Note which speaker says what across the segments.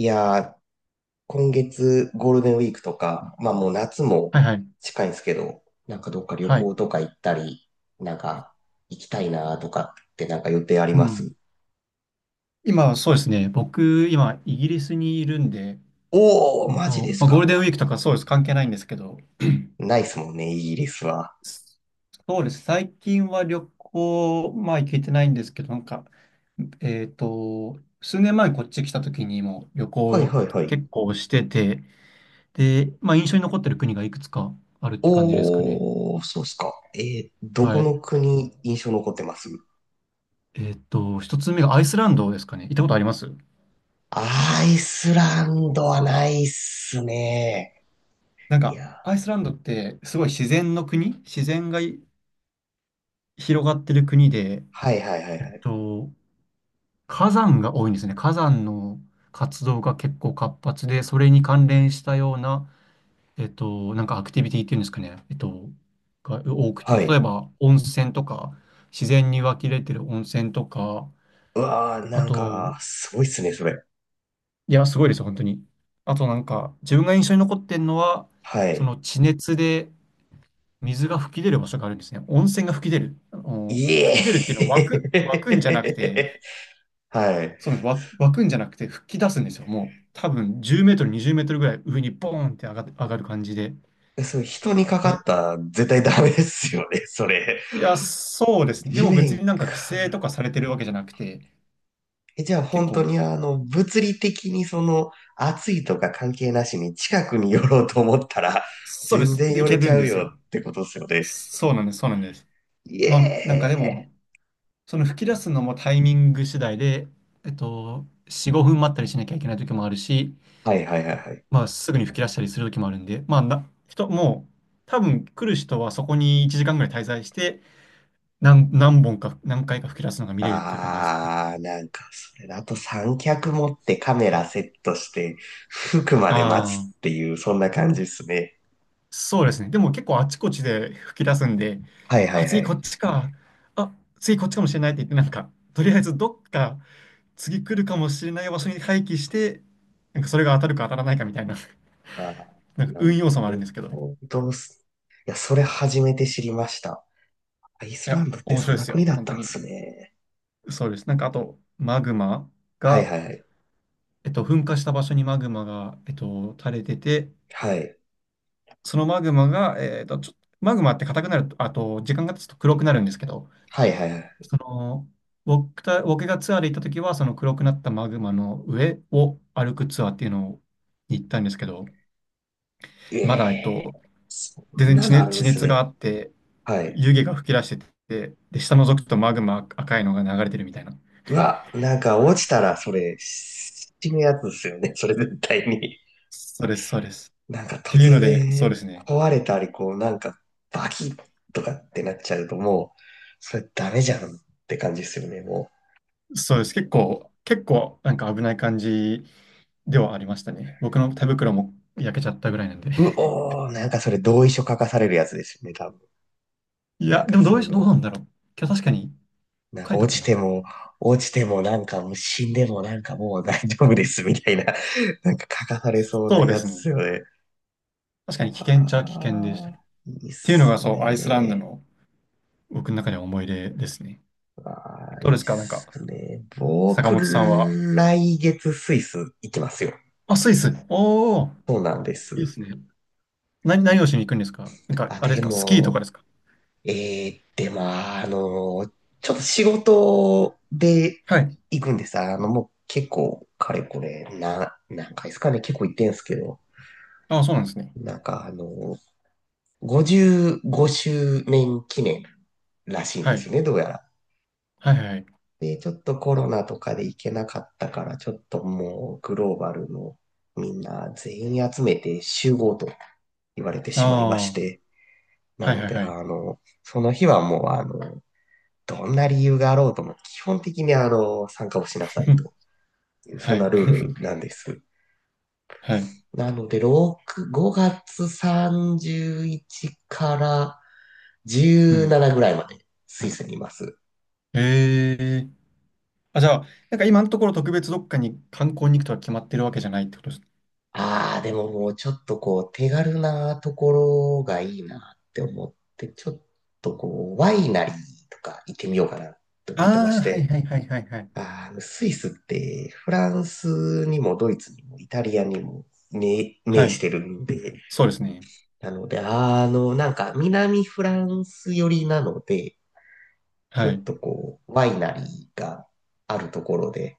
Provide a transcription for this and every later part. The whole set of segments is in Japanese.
Speaker 1: いやー、今月ゴールデンウィークとか、まあもう夏も
Speaker 2: はいはい。
Speaker 1: 近いんですけど、なんかどっか旅
Speaker 2: はい。
Speaker 1: 行とか行ったり、なんか行きたいなとかってなんか予定あり
Speaker 2: う
Speaker 1: ま
Speaker 2: ん。
Speaker 1: す？
Speaker 2: 今、そうですね。僕、今、イギリスにいるんで、
Speaker 1: おー、マジです
Speaker 2: まあ、ゴール
Speaker 1: か。
Speaker 2: デンウィークとかそうです。関係ないんですけど、
Speaker 1: ないっすもんね、イギリスは。
Speaker 2: s- そうです。最近は旅行、まあ、行けてないんですけど、なんか、数年前にこっち来た時にも旅
Speaker 1: はい
Speaker 2: 行
Speaker 1: はいはい。
Speaker 2: 結構してて、で、まあ、印象に残ってる国がいくつかあるって感じですかね。
Speaker 1: おー、そうっすか。ど
Speaker 2: は
Speaker 1: こ
Speaker 2: い。
Speaker 1: の国印象残ってます？
Speaker 2: 一つ目がアイスランドですかね。行ったことあります？
Speaker 1: アイスランドはないっすね。
Speaker 2: なん
Speaker 1: い
Speaker 2: か、
Speaker 1: やー、
Speaker 2: アイスランドってすごい自然の国、自然が広がってる国で、
Speaker 1: はいはいはい
Speaker 2: えっ
Speaker 1: はい。
Speaker 2: と、火山が多いんですね。火山の活動が結構活発で、それに関連したような、なんかアクティビティっていうんですかね、が多くて、
Speaker 1: は
Speaker 2: 例え
Speaker 1: い。
Speaker 2: ば温泉とか、自然に湧き出てる温泉とか、
Speaker 1: うわー、
Speaker 2: あ
Speaker 1: なんか、
Speaker 2: と、
Speaker 1: すごいっすね、それ。
Speaker 2: いや、すごいですよ、本当に。あとなんか、自分が印象に残ってるのは、
Speaker 1: は
Speaker 2: そ
Speaker 1: い。
Speaker 2: の地熱で水が噴き出る場所があるんですね。温泉が噴き出る。あの、
Speaker 1: い
Speaker 2: 噴
Speaker 1: え。
Speaker 2: き出るっていうのは湧くんじゃなくて、
Speaker 1: はい。
Speaker 2: そうなんです。湧くんじゃなくて吹き出すんですよ。もう多分10メートル、20メートルぐらい上にボーンって上がる感じで。
Speaker 1: そう、人にかか
Speaker 2: で、
Speaker 1: ったら絶対ダメですよね、それ。
Speaker 2: いや、そうですね。で
Speaker 1: 地
Speaker 2: も別に
Speaker 1: 面
Speaker 2: なんか規
Speaker 1: か
Speaker 2: 制と
Speaker 1: ら。
Speaker 2: かされてるわけじゃなくて、
Speaker 1: え、じゃあ
Speaker 2: 結
Speaker 1: 本当
Speaker 2: 構、
Speaker 1: に物理的に暑いとか関係なしに近くに寄ろうと思ったら、
Speaker 2: そうで
Speaker 1: 全
Speaker 2: す。
Speaker 1: 然
Speaker 2: で、い
Speaker 1: 寄
Speaker 2: け
Speaker 1: れち
Speaker 2: る
Speaker 1: ゃ
Speaker 2: んで
Speaker 1: う
Speaker 2: す
Speaker 1: よ
Speaker 2: よ。
Speaker 1: ってことですよね。
Speaker 2: そうなんです。そうなんです。
Speaker 1: イ
Speaker 2: まあ、なんか
Speaker 1: エ
Speaker 2: で
Speaker 1: ーイ。
Speaker 2: も、その吹き出すのもタイミング次第で、4、5分待ったりしなきゃいけない時もあるし、
Speaker 1: はいはいはいはい。
Speaker 2: まあ、すぐに吹き出したりする時もあるんで、まあ、もう、多分来る人はそこに1時間ぐらい滞在して、何本か、何回か吹き出すのが見れるっていう感じですかね。
Speaker 1: あー、なんか、それだと三脚持ってカメラセットして、服ま
Speaker 2: あ
Speaker 1: で待
Speaker 2: あ、
Speaker 1: つっていう、そんな感じですね。
Speaker 2: そうですね。でも結構あちこちで吹き出すんで、
Speaker 1: はいは
Speaker 2: あ、
Speaker 1: いは
Speaker 2: 次こ
Speaker 1: い。
Speaker 2: っちか。あ、次こっちかもしれないって言って、なんか、とりあえずどっか次来るかもしれない場所に廃棄して、なんかそれが当たるか当たらないかみたいな、
Speaker 1: ああ、
Speaker 2: なんか
Speaker 1: な
Speaker 2: 運要素もあるん
Speaker 1: る
Speaker 2: ですけど。い
Speaker 1: ほどす。いや、それ初めて知りました。アイスラ
Speaker 2: や、
Speaker 1: ンドって
Speaker 2: 面
Speaker 1: そ
Speaker 2: 白
Speaker 1: ん
Speaker 2: いで
Speaker 1: な
Speaker 2: す
Speaker 1: 国
Speaker 2: よ。
Speaker 1: だっ
Speaker 2: 本
Speaker 1: た
Speaker 2: 当
Speaker 1: んで
Speaker 2: に。
Speaker 1: すね。
Speaker 2: そうです。なんかあと、マグマ
Speaker 1: はい
Speaker 2: が、
Speaker 1: はいはい。
Speaker 2: 噴火した場所にマグマが、垂れてて、
Speaker 1: はい。
Speaker 2: そのマグマが、マグマって硬くなると、あと、時間が経つと黒くなるんですけど、
Speaker 1: はいはいはい。
Speaker 2: その、僕がツアーで行った時は、その黒くなったマグマの上を歩くツアーっていうのをに行ったんですけど、
Speaker 1: え
Speaker 2: まだ、
Speaker 1: え、そ
Speaker 2: 全
Speaker 1: ん
Speaker 2: 然
Speaker 1: な
Speaker 2: 地
Speaker 1: のあ
Speaker 2: 熱、
Speaker 1: るん
Speaker 2: 地
Speaker 1: です
Speaker 2: 熱が
Speaker 1: ね。
Speaker 2: あって、
Speaker 1: はい。
Speaker 2: 湯気が噴き出してて、で、下覗くとマグマ赤いのが流れてるみたいな。
Speaker 1: うわ、なんか落ちたらそれ、死ぬやつですよね。それ絶対に。
Speaker 2: そうです、そうです。っ
Speaker 1: なんか
Speaker 2: ていう
Speaker 1: 突
Speaker 2: ので、そうで
Speaker 1: 然
Speaker 2: すね。
Speaker 1: 壊れたり、こうなんかバキッとかってなっちゃうともう、それダメじゃんって感じですよね、もう。
Speaker 2: そうです。結構、なんか危ない感じではありましたね。僕の手袋も焼けちゃったぐらいなんで。
Speaker 1: うおー、なんかそれ同意書書かされるやつですよね、多分。
Speaker 2: い
Speaker 1: なん
Speaker 2: や、で
Speaker 1: か
Speaker 2: もどうなんだろう。今日確かに
Speaker 1: なん
Speaker 2: 書
Speaker 1: か
Speaker 2: いた
Speaker 1: 落
Speaker 2: か
Speaker 1: ち
Speaker 2: な。
Speaker 1: ても、落ちてもなんかもう死んでもなんかもう大丈夫ですみたいな、なんか書かされそうな
Speaker 2: そうで
Speaker 1: や
Speaker 2: す
Speaker 1: つで
Speaker 2: ね。
Speaker 1: すよね。
Speaker 2: 確かに危険っちゃ危険でした
Speaker 1: あ
Speaker 2: ね。っ
Speaker 1: あ、いいっ
Speaker 2: ていうのが、
Speaker 1: す
Speaker 2: そう、アイスランド
Speaker 1: ね。
Speaker 2: の僕の中では思い出ですね。
Speaker 1: ああ、い
Speaker 2: どうで
Speaker 1: いっ
Speaker 2: すかなんか、
Speaker 1: すね。
Speaker 2: 坂
Speaker 1: 僕、
Speaker 2: 本さんは。
Speaker 1: 来月スイス行きますよ。
Speaker 2: あ、スイス。おー、
Speaker 1: そうなんで
Speaker 2: いいで
Speaker 1: す。
Speaker 2: すね。何をしに行くんですか？なんか、
Speaker 1: あ、
Speaker 2: あれで
Speaker 1: で
Speaker 2: すかスキーとかで
Speaker 1: も、
Speaker 2: すか？
Speaker 1: で、まあ、ちょっと仕事で
Speaker 2: はい。
Speaker 1: 行くんです。もう結構、かれこれ、何回ですかね、結構行ってんすけど、
Speaker 2: ああ、そうなんですね。
Speaker 1: なんか、55周年記念らしいん
Speaker 2: は
Speaker 1: で
Speaker 2: い。
Speaker 1: すね、どうやら。
Speaker 2: はいはいはい。
Speaker 1: で、ちょっとコロナとかで行けなかったから、ちょっともう、グローバルのみんな全員集めて集合と言われて
Speaker 2: あ
Speaker 1: しまいま
Speaker 2: あ、
Speaker 1: し
Speaker 2: は
Speaker 1: て、
Speaker 2: い
Speaker 1: な
Speaker 2: はい
Speaker 1: ので、
Speaker 2: はい。
Speaker 1: その日はもう、どんな理由があろうとも、基本的に参加をしなさい という、そ
Speaker 2: は
Speaker 1: んな
Speaker 2: い。
Speaker 1: ルール なんです。
Speaker 2: はい。
Speaker 1: なので、6、5月31から
Speaker 2: うん。
Speaker 1: 17ぐらいまでスイスにいます。
Speaker 2: ええ。あ、じゃあ、なんか今のところ特別どっかに観光に行くとは決まってるわけじゃないってことです？
Speaker 1: ああ、でももうちょっとこう、手軽なところがいいなって思って、ちょっとこう、ワイナリーとか行ってみようかなと思ってま
Speaker 2: あ
Speaker 1: し
Speaker 2: あ、はい
Speaker 1: て、
Speaker 2: はいはいはいはい。
Speaker 1: スイスってフランスにもドイツにもイタリアにも面
Speaker 2: は
Speaker 1: 面し
Speaker 2: い。
Speaker 1: てるんで、
Speaker 2: そうですね。
Speaker 1: なので、なんか南フランス寄りなので、ちょ
Speaker 2: は
Speaker 1: っ
Speaker 2: い。
Speaker 1: とこう、ワイナリーがあるところで、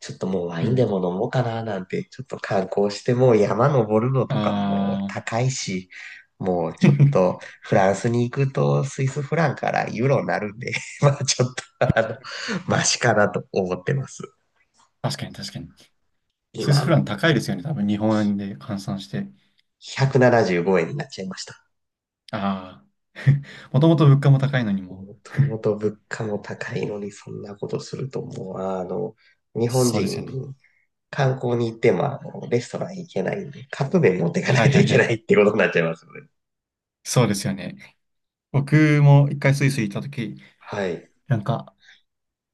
Speaker 1: ちょっともうワ
Speaker 2: う
Speaker 1: インでも
Speaker 2: ん。
Speaker 1: 飲もうかななんて、ちょっと観光してもう山登るのとかも
Speaker 2: ああ、
Speaker 1: 高いし、もうちょっ とフランスに行くとスイスフランからユーロになるんで、まあちょっとあの、マシかなと思ってます。
Speaker 2: 確かに確かに。スイスフ
Speaker 1: 今、
Speaker 2: ラン高いですよね。多分日本円で換算して。
Speaker 1: 175円になっちゃいました。
Speaker 2: ああ。もともと物価も高いのにも。
Speaker 1: ともと物価も高いのにそんなことするともう、日本
Speaker 2: そうです
Speaker 1: 人、
Speaker 2: よね。
Speaker 1: 観光に行っても、レストラン行けないんで、カップ麺持っていかない
Speaker 2: はい
Speaker 1: と
Speaker 2: は
Speaker 1: い
Speaker 2: い
Speaker 1: け
Speaker 2: は
Speaker 1: ない
Speaker 2: い。
Speaker 1: ってことになっちゃいますよね。
Speaker 2: そうですよね。僕も一回スイス行った時、
Speaker 1: はい。い
Speaker 2: なんか、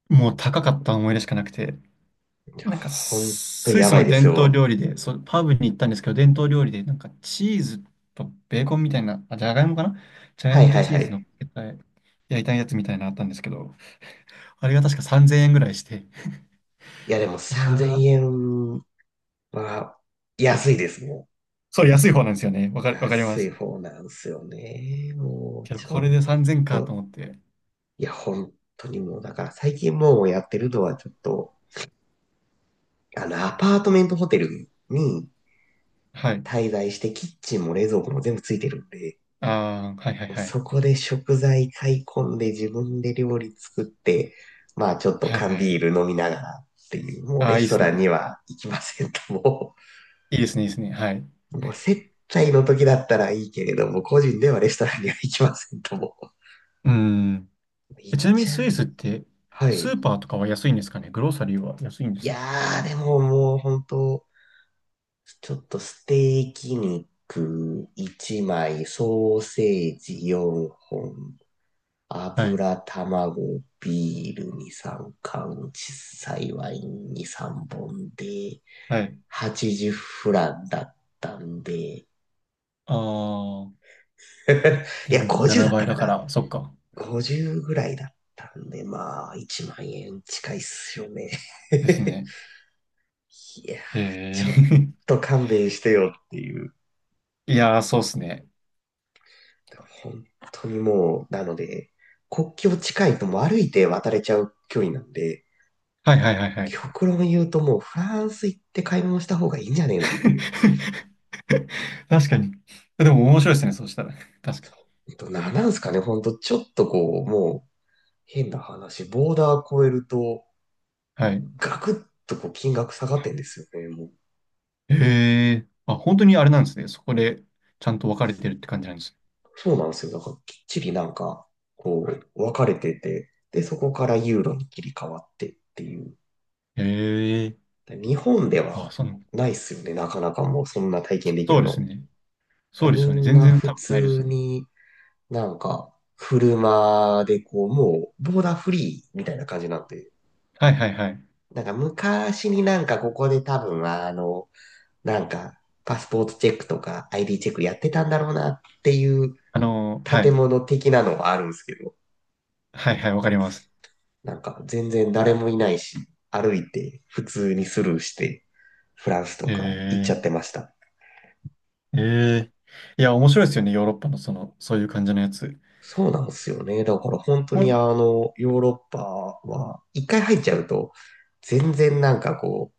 Speaker 2: もう高かった思い出しかなくて、
Speaker 1: や
Speaker 2: なんか
Speaker 1: ほんと
Speaker 2: スイ
Speaker 1: や
Speaker 2: ス
Speaker 1: ばい
Speaker 2: の
Speaker 1: です
Speaker 2: 伝統
Speaker 1: よ。
Speaker 2: 料理で、そう、パブに行ったんですけど、伝統料理で、なんかチーズとベーコンみたいな、あ、じゃがいもかな、じゃがい
Speaker 1: はい
Speaker 2: もと
Speaker 1: はい
Speaker 2: チ
Speaker 1: は
Speaker 2: ーズ
Speaker 1: い。
Speaker 2: の焼いたやつみたいなのあったんですけど、あれが確か3000円ぐらいして、
Speaker 1: いやでも
Speaker 2: いや
Speaker 1: 3000
Speaker 2: ー、
Speaker 1: 円は安いですね。
Speaker 2: そう、安い方なんですよね。わかりま
Speaker 1: 安い
Speaker 2: す。
Speaker 1: 方なんですよね。も
Speaker 2: け
Speaker 1: う
Speaker 2: ど、
Speaker 1: ちょ
Speaker 2: これ
Speaker 1: っ
Speaker 2: で3000円かと
Speaker 1: と、
Speaker 2: 思って、
Speaker 1: いや本当にもうだから最近もうやってるのはちょっと、あのアパートメントホテルに
Speaker 2: はい。
Speaker 1: 滞在してキッチンも冷蔵庫も全部ついてるんで、
Speaker 2: あー、はいはいはい。
Speaker 1: そこで食材買い込んで自分で料理作って、まあちょっと
Speaker 2: はい
Speaker 1: 缶
Speaker 2: は
Speaker 1: ビ
Speaker 2: い。
Speaker 1: ール飲みながらっていう、もう
Speaker 2: あ
Speaker 1: レ
Speaker 2: ー、いい
Speaker 1: ス
Speaker 2: で
Speaker 1: ト
Speaker 2: す
Speaker 1: ラン
Speaker 2: ね。
Speaker 1: には行きませんと、も
Speaker 2: いいですね、いいですね。はい。
Speaker 1: う、もう接待の時だったらいいけれども、個人ではレストランには行きませんと、もう、
Speaker 2: うん。
Speaker 1: 行っ
Speaker 2: ちなみに
Speaker 1: ちゃう。
Speaker 2: スイスって、
Speaker 1: は
Speaker 2: ス
Speaker 1: い。
Speaker 2: ーパーとかは安いんですかね？グローサリーは安いんで
Speaker 1: い
Speaker 2: す
Speaker 1: や
Speaker 2: か？
Speaker 1: ー、でももう本当ちょっとステーキ肉1枚、ソーセージ4本、
Speaker 2: はい。
Speaker 1: 油、卵、ビールに3缶、小さいワインに3本で、
Speaker 2: はい。
Speaker 1: 80フランだったんで、
Speaker 2: ああ、
Speaker 1: いや、
Speaker 2: 1.7
Speaker 1: 50だっ
Speaker 2: 倍
Speaker 1: たか
Speaker 2: だか
Speaker 1: な。
Speaker 2: ら、そっか。
Speaker 1: 50ぐらいだったんで、まあ、1万円近いっすよね。
Speaker 2: です
Speaker 1: い
Speaker 2: ね。
Speaker 1: やー、
Speaker 2: へ
Speaker 1: ちょっ
Speaker 2: え。
Speaker 1: と勘弁してよっていう。
Speaker 2: いやー、そうっすね。
Speaker 1: 本当にもう、なので、国境近いともう歩いて渡れちゃう距離なんで、
Speaker 2: はいはいはいはい。
Speaker 1: 極論言うともうフランス行って買い物した方がいいんじゃねえのっていう。
Speaker 2: 確かに。でも面白いですね、そうしたら。確かに。
Speaker 1: なんすかね、ほんとちょっとこう、もう変な話、ボーダー越えると、
Speaker 2: はい。
Speaker 1: ガクッとこう金額下がってんですよね、もう。
Speaker 2: へえ。あ、本当にあれなんですね。そこでちゃんと分かれてるって感じなんです
Speaker 1: そうなんですよ。だからきっちりなんか、こう、分かれてて、で、そこからユーロに切り替わってっていう。
Speaker 2: ね。へえ。
Speaker 1: だから日本で
Speaker 2: あ、
Speaker 1: は
Speaker 2: その、
Speaker 1: ないっすよね、なかなかもうそんな体験でき
Speaker 2: そ
Speaker 1: る
Speaker 2: うです
Speaker 1: の。
Speaker 2: ね。
Speaker 1: だか
Speaker 2: そ
Speaker 1: ら
Speaker 2: うです
Speaker 1: み
Speaker 2: よね。
Speaker 1: ん
Speaker 2: 全
Speaker 1: な
Speaker 2: 然多
Speaker 1: 普
Speaker 2: 分ないです
Speaker 1: 通
Speaker 2: ね。
Speaker 1: になんか、車でこう、もう、ボーダーフリーみたいな感じになって、
Speaker 2: はいはいはい。
Speaker 1: なんか昔になんかここで多分なんか、パスポートチェックとか ID チェックやってたんだろうなっていう
Speaker 2: は
Speaker 1: 建
Speaker 2: い。
Speaker 1: 物的なのはあるんですけど、
Speaker 2: はいはい、わかります。
Speaker 1: なんか全然誰もいないし、歩いて普通にスルーして、フランスと
Speaker 2: へ
Speaker 1: か行っちゃ
Speaker 2: え。
Speaker 1: ってました。
Speaker 2: ええ。いや、面白いですよね。ヨーロッパのその、そういう感じのやつ。
Speaker 1: そうなんですよね。だから本当
Speaker 2: ほ
Speaker 1: に
Speaker 2: ん
Speaker 1: ヨーロッパは、一回入っちゃうと、全然なんかこう、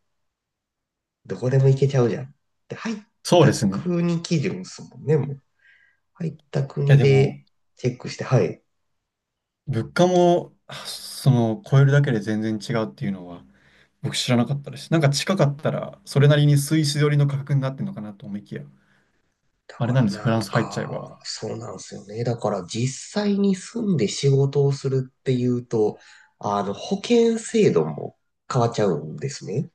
Speaker 1: どこでも行けちゃうじゃん。で、入っ
Speaker 2: そう
Speaker 1: た
Speaker 2: ですね。い
Speaker 1: 国基準ですもんね、もう。入った
Speaker 2: や、
Speaker 1: 国
Speaker 2: でも、
Speaker 1: でチェックして、はい。
Speaker 2: 物価も、あ、その、超えるだけで全然違うっていうのは、僕知らなかったです。なんか近かったら、それなりにスイス寄りの価格になってるのかなと思いきや、
Speaker 1: だ
Speaker 2: あれ
Speaker 1: か
Speaker 2: なん
Speaker 1: ら
Speaker 2: ですよ。フ
Speaker 1: な
Speaker 2: ラン
Speaker 1: ん
Speaker 2: ス入っちゃえば。
Speaker 1: か、そうなんですよね。だから実際に住んで仕事をするっていうと、保険制度も変わっちゃうんですね。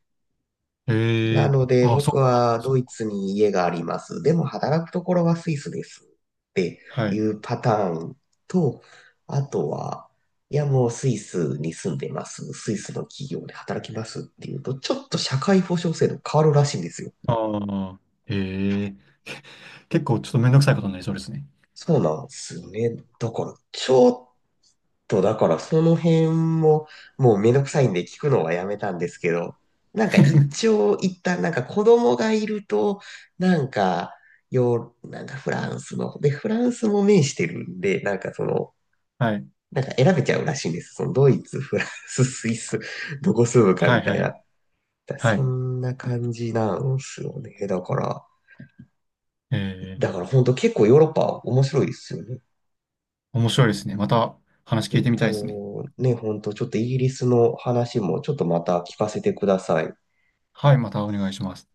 Speaker 2: え
Speaker 1: な
Speaker 2: え。
Speaker 1: ので、
Speaker 2: ああ、
Speaker 1: 僕
Speaker 2: そっか、
Speaker 1: は
Speaker 2: そ
Speaker 1: ド
Speaker 2: っ
Speaker 1: イ
Speaker 2: か。
Speaker 1: ツに家があります。でも働くところはスイスですって
Speaker 2: は
Speaker 1: い
Speaker 2: い。
Speaker 1: うパターンと、あとは、いやもうスイスに住んでます。スイスの企業で働きますっていうと、ちょっと社会保障制度変わるらしいんですよ。
Speaker 2: ああ、ええ。結構ちょっとめんどくさいことになりそうですね。
Speaker 1: そうなんですよね。だから、ちょっと、だからその辺も、もうめんどくさいんで聞くのはやめたんですけど、なんか一応一旦なんか子供がいると、なんか、なんかフランスの、で、フランスも面してるんで、なんか
Speaker 2: はい。
Speaker 1: なんか選べちゃうらしいんです。そのドイツ、フランス、スイス、どこ住むか
Speaker 2: は
Speaker 1: み
Speaker 2: い、
Speaker 1: たい
Speaker 2: は
Speaker 1: な。
Speaker 2: い、
Speaker 1: だ
Speaker 2: は
Speaker 1: そ
Speaker 2: い。
Speaker 1: んな感じなんすよね。だから、
Speaker 2: え
Speaker 1: だ
Speaker 2: え。
Speaker 1: から本当結構ヨーロッパ面白いですよね。
Speaker 2: 面
Speaker 1: ちょ
Speaker 2: 白いですね。また話
Speaker 1: え
Speaker 2: 聞い
Speaker 1: っ
Speaker 2: てみたいですね。
Speaker 1: と、ね、ほんと、ちょっとイギリスの話もちょっとまた聞かせてください。
Speaker 2: はい、またお願いします。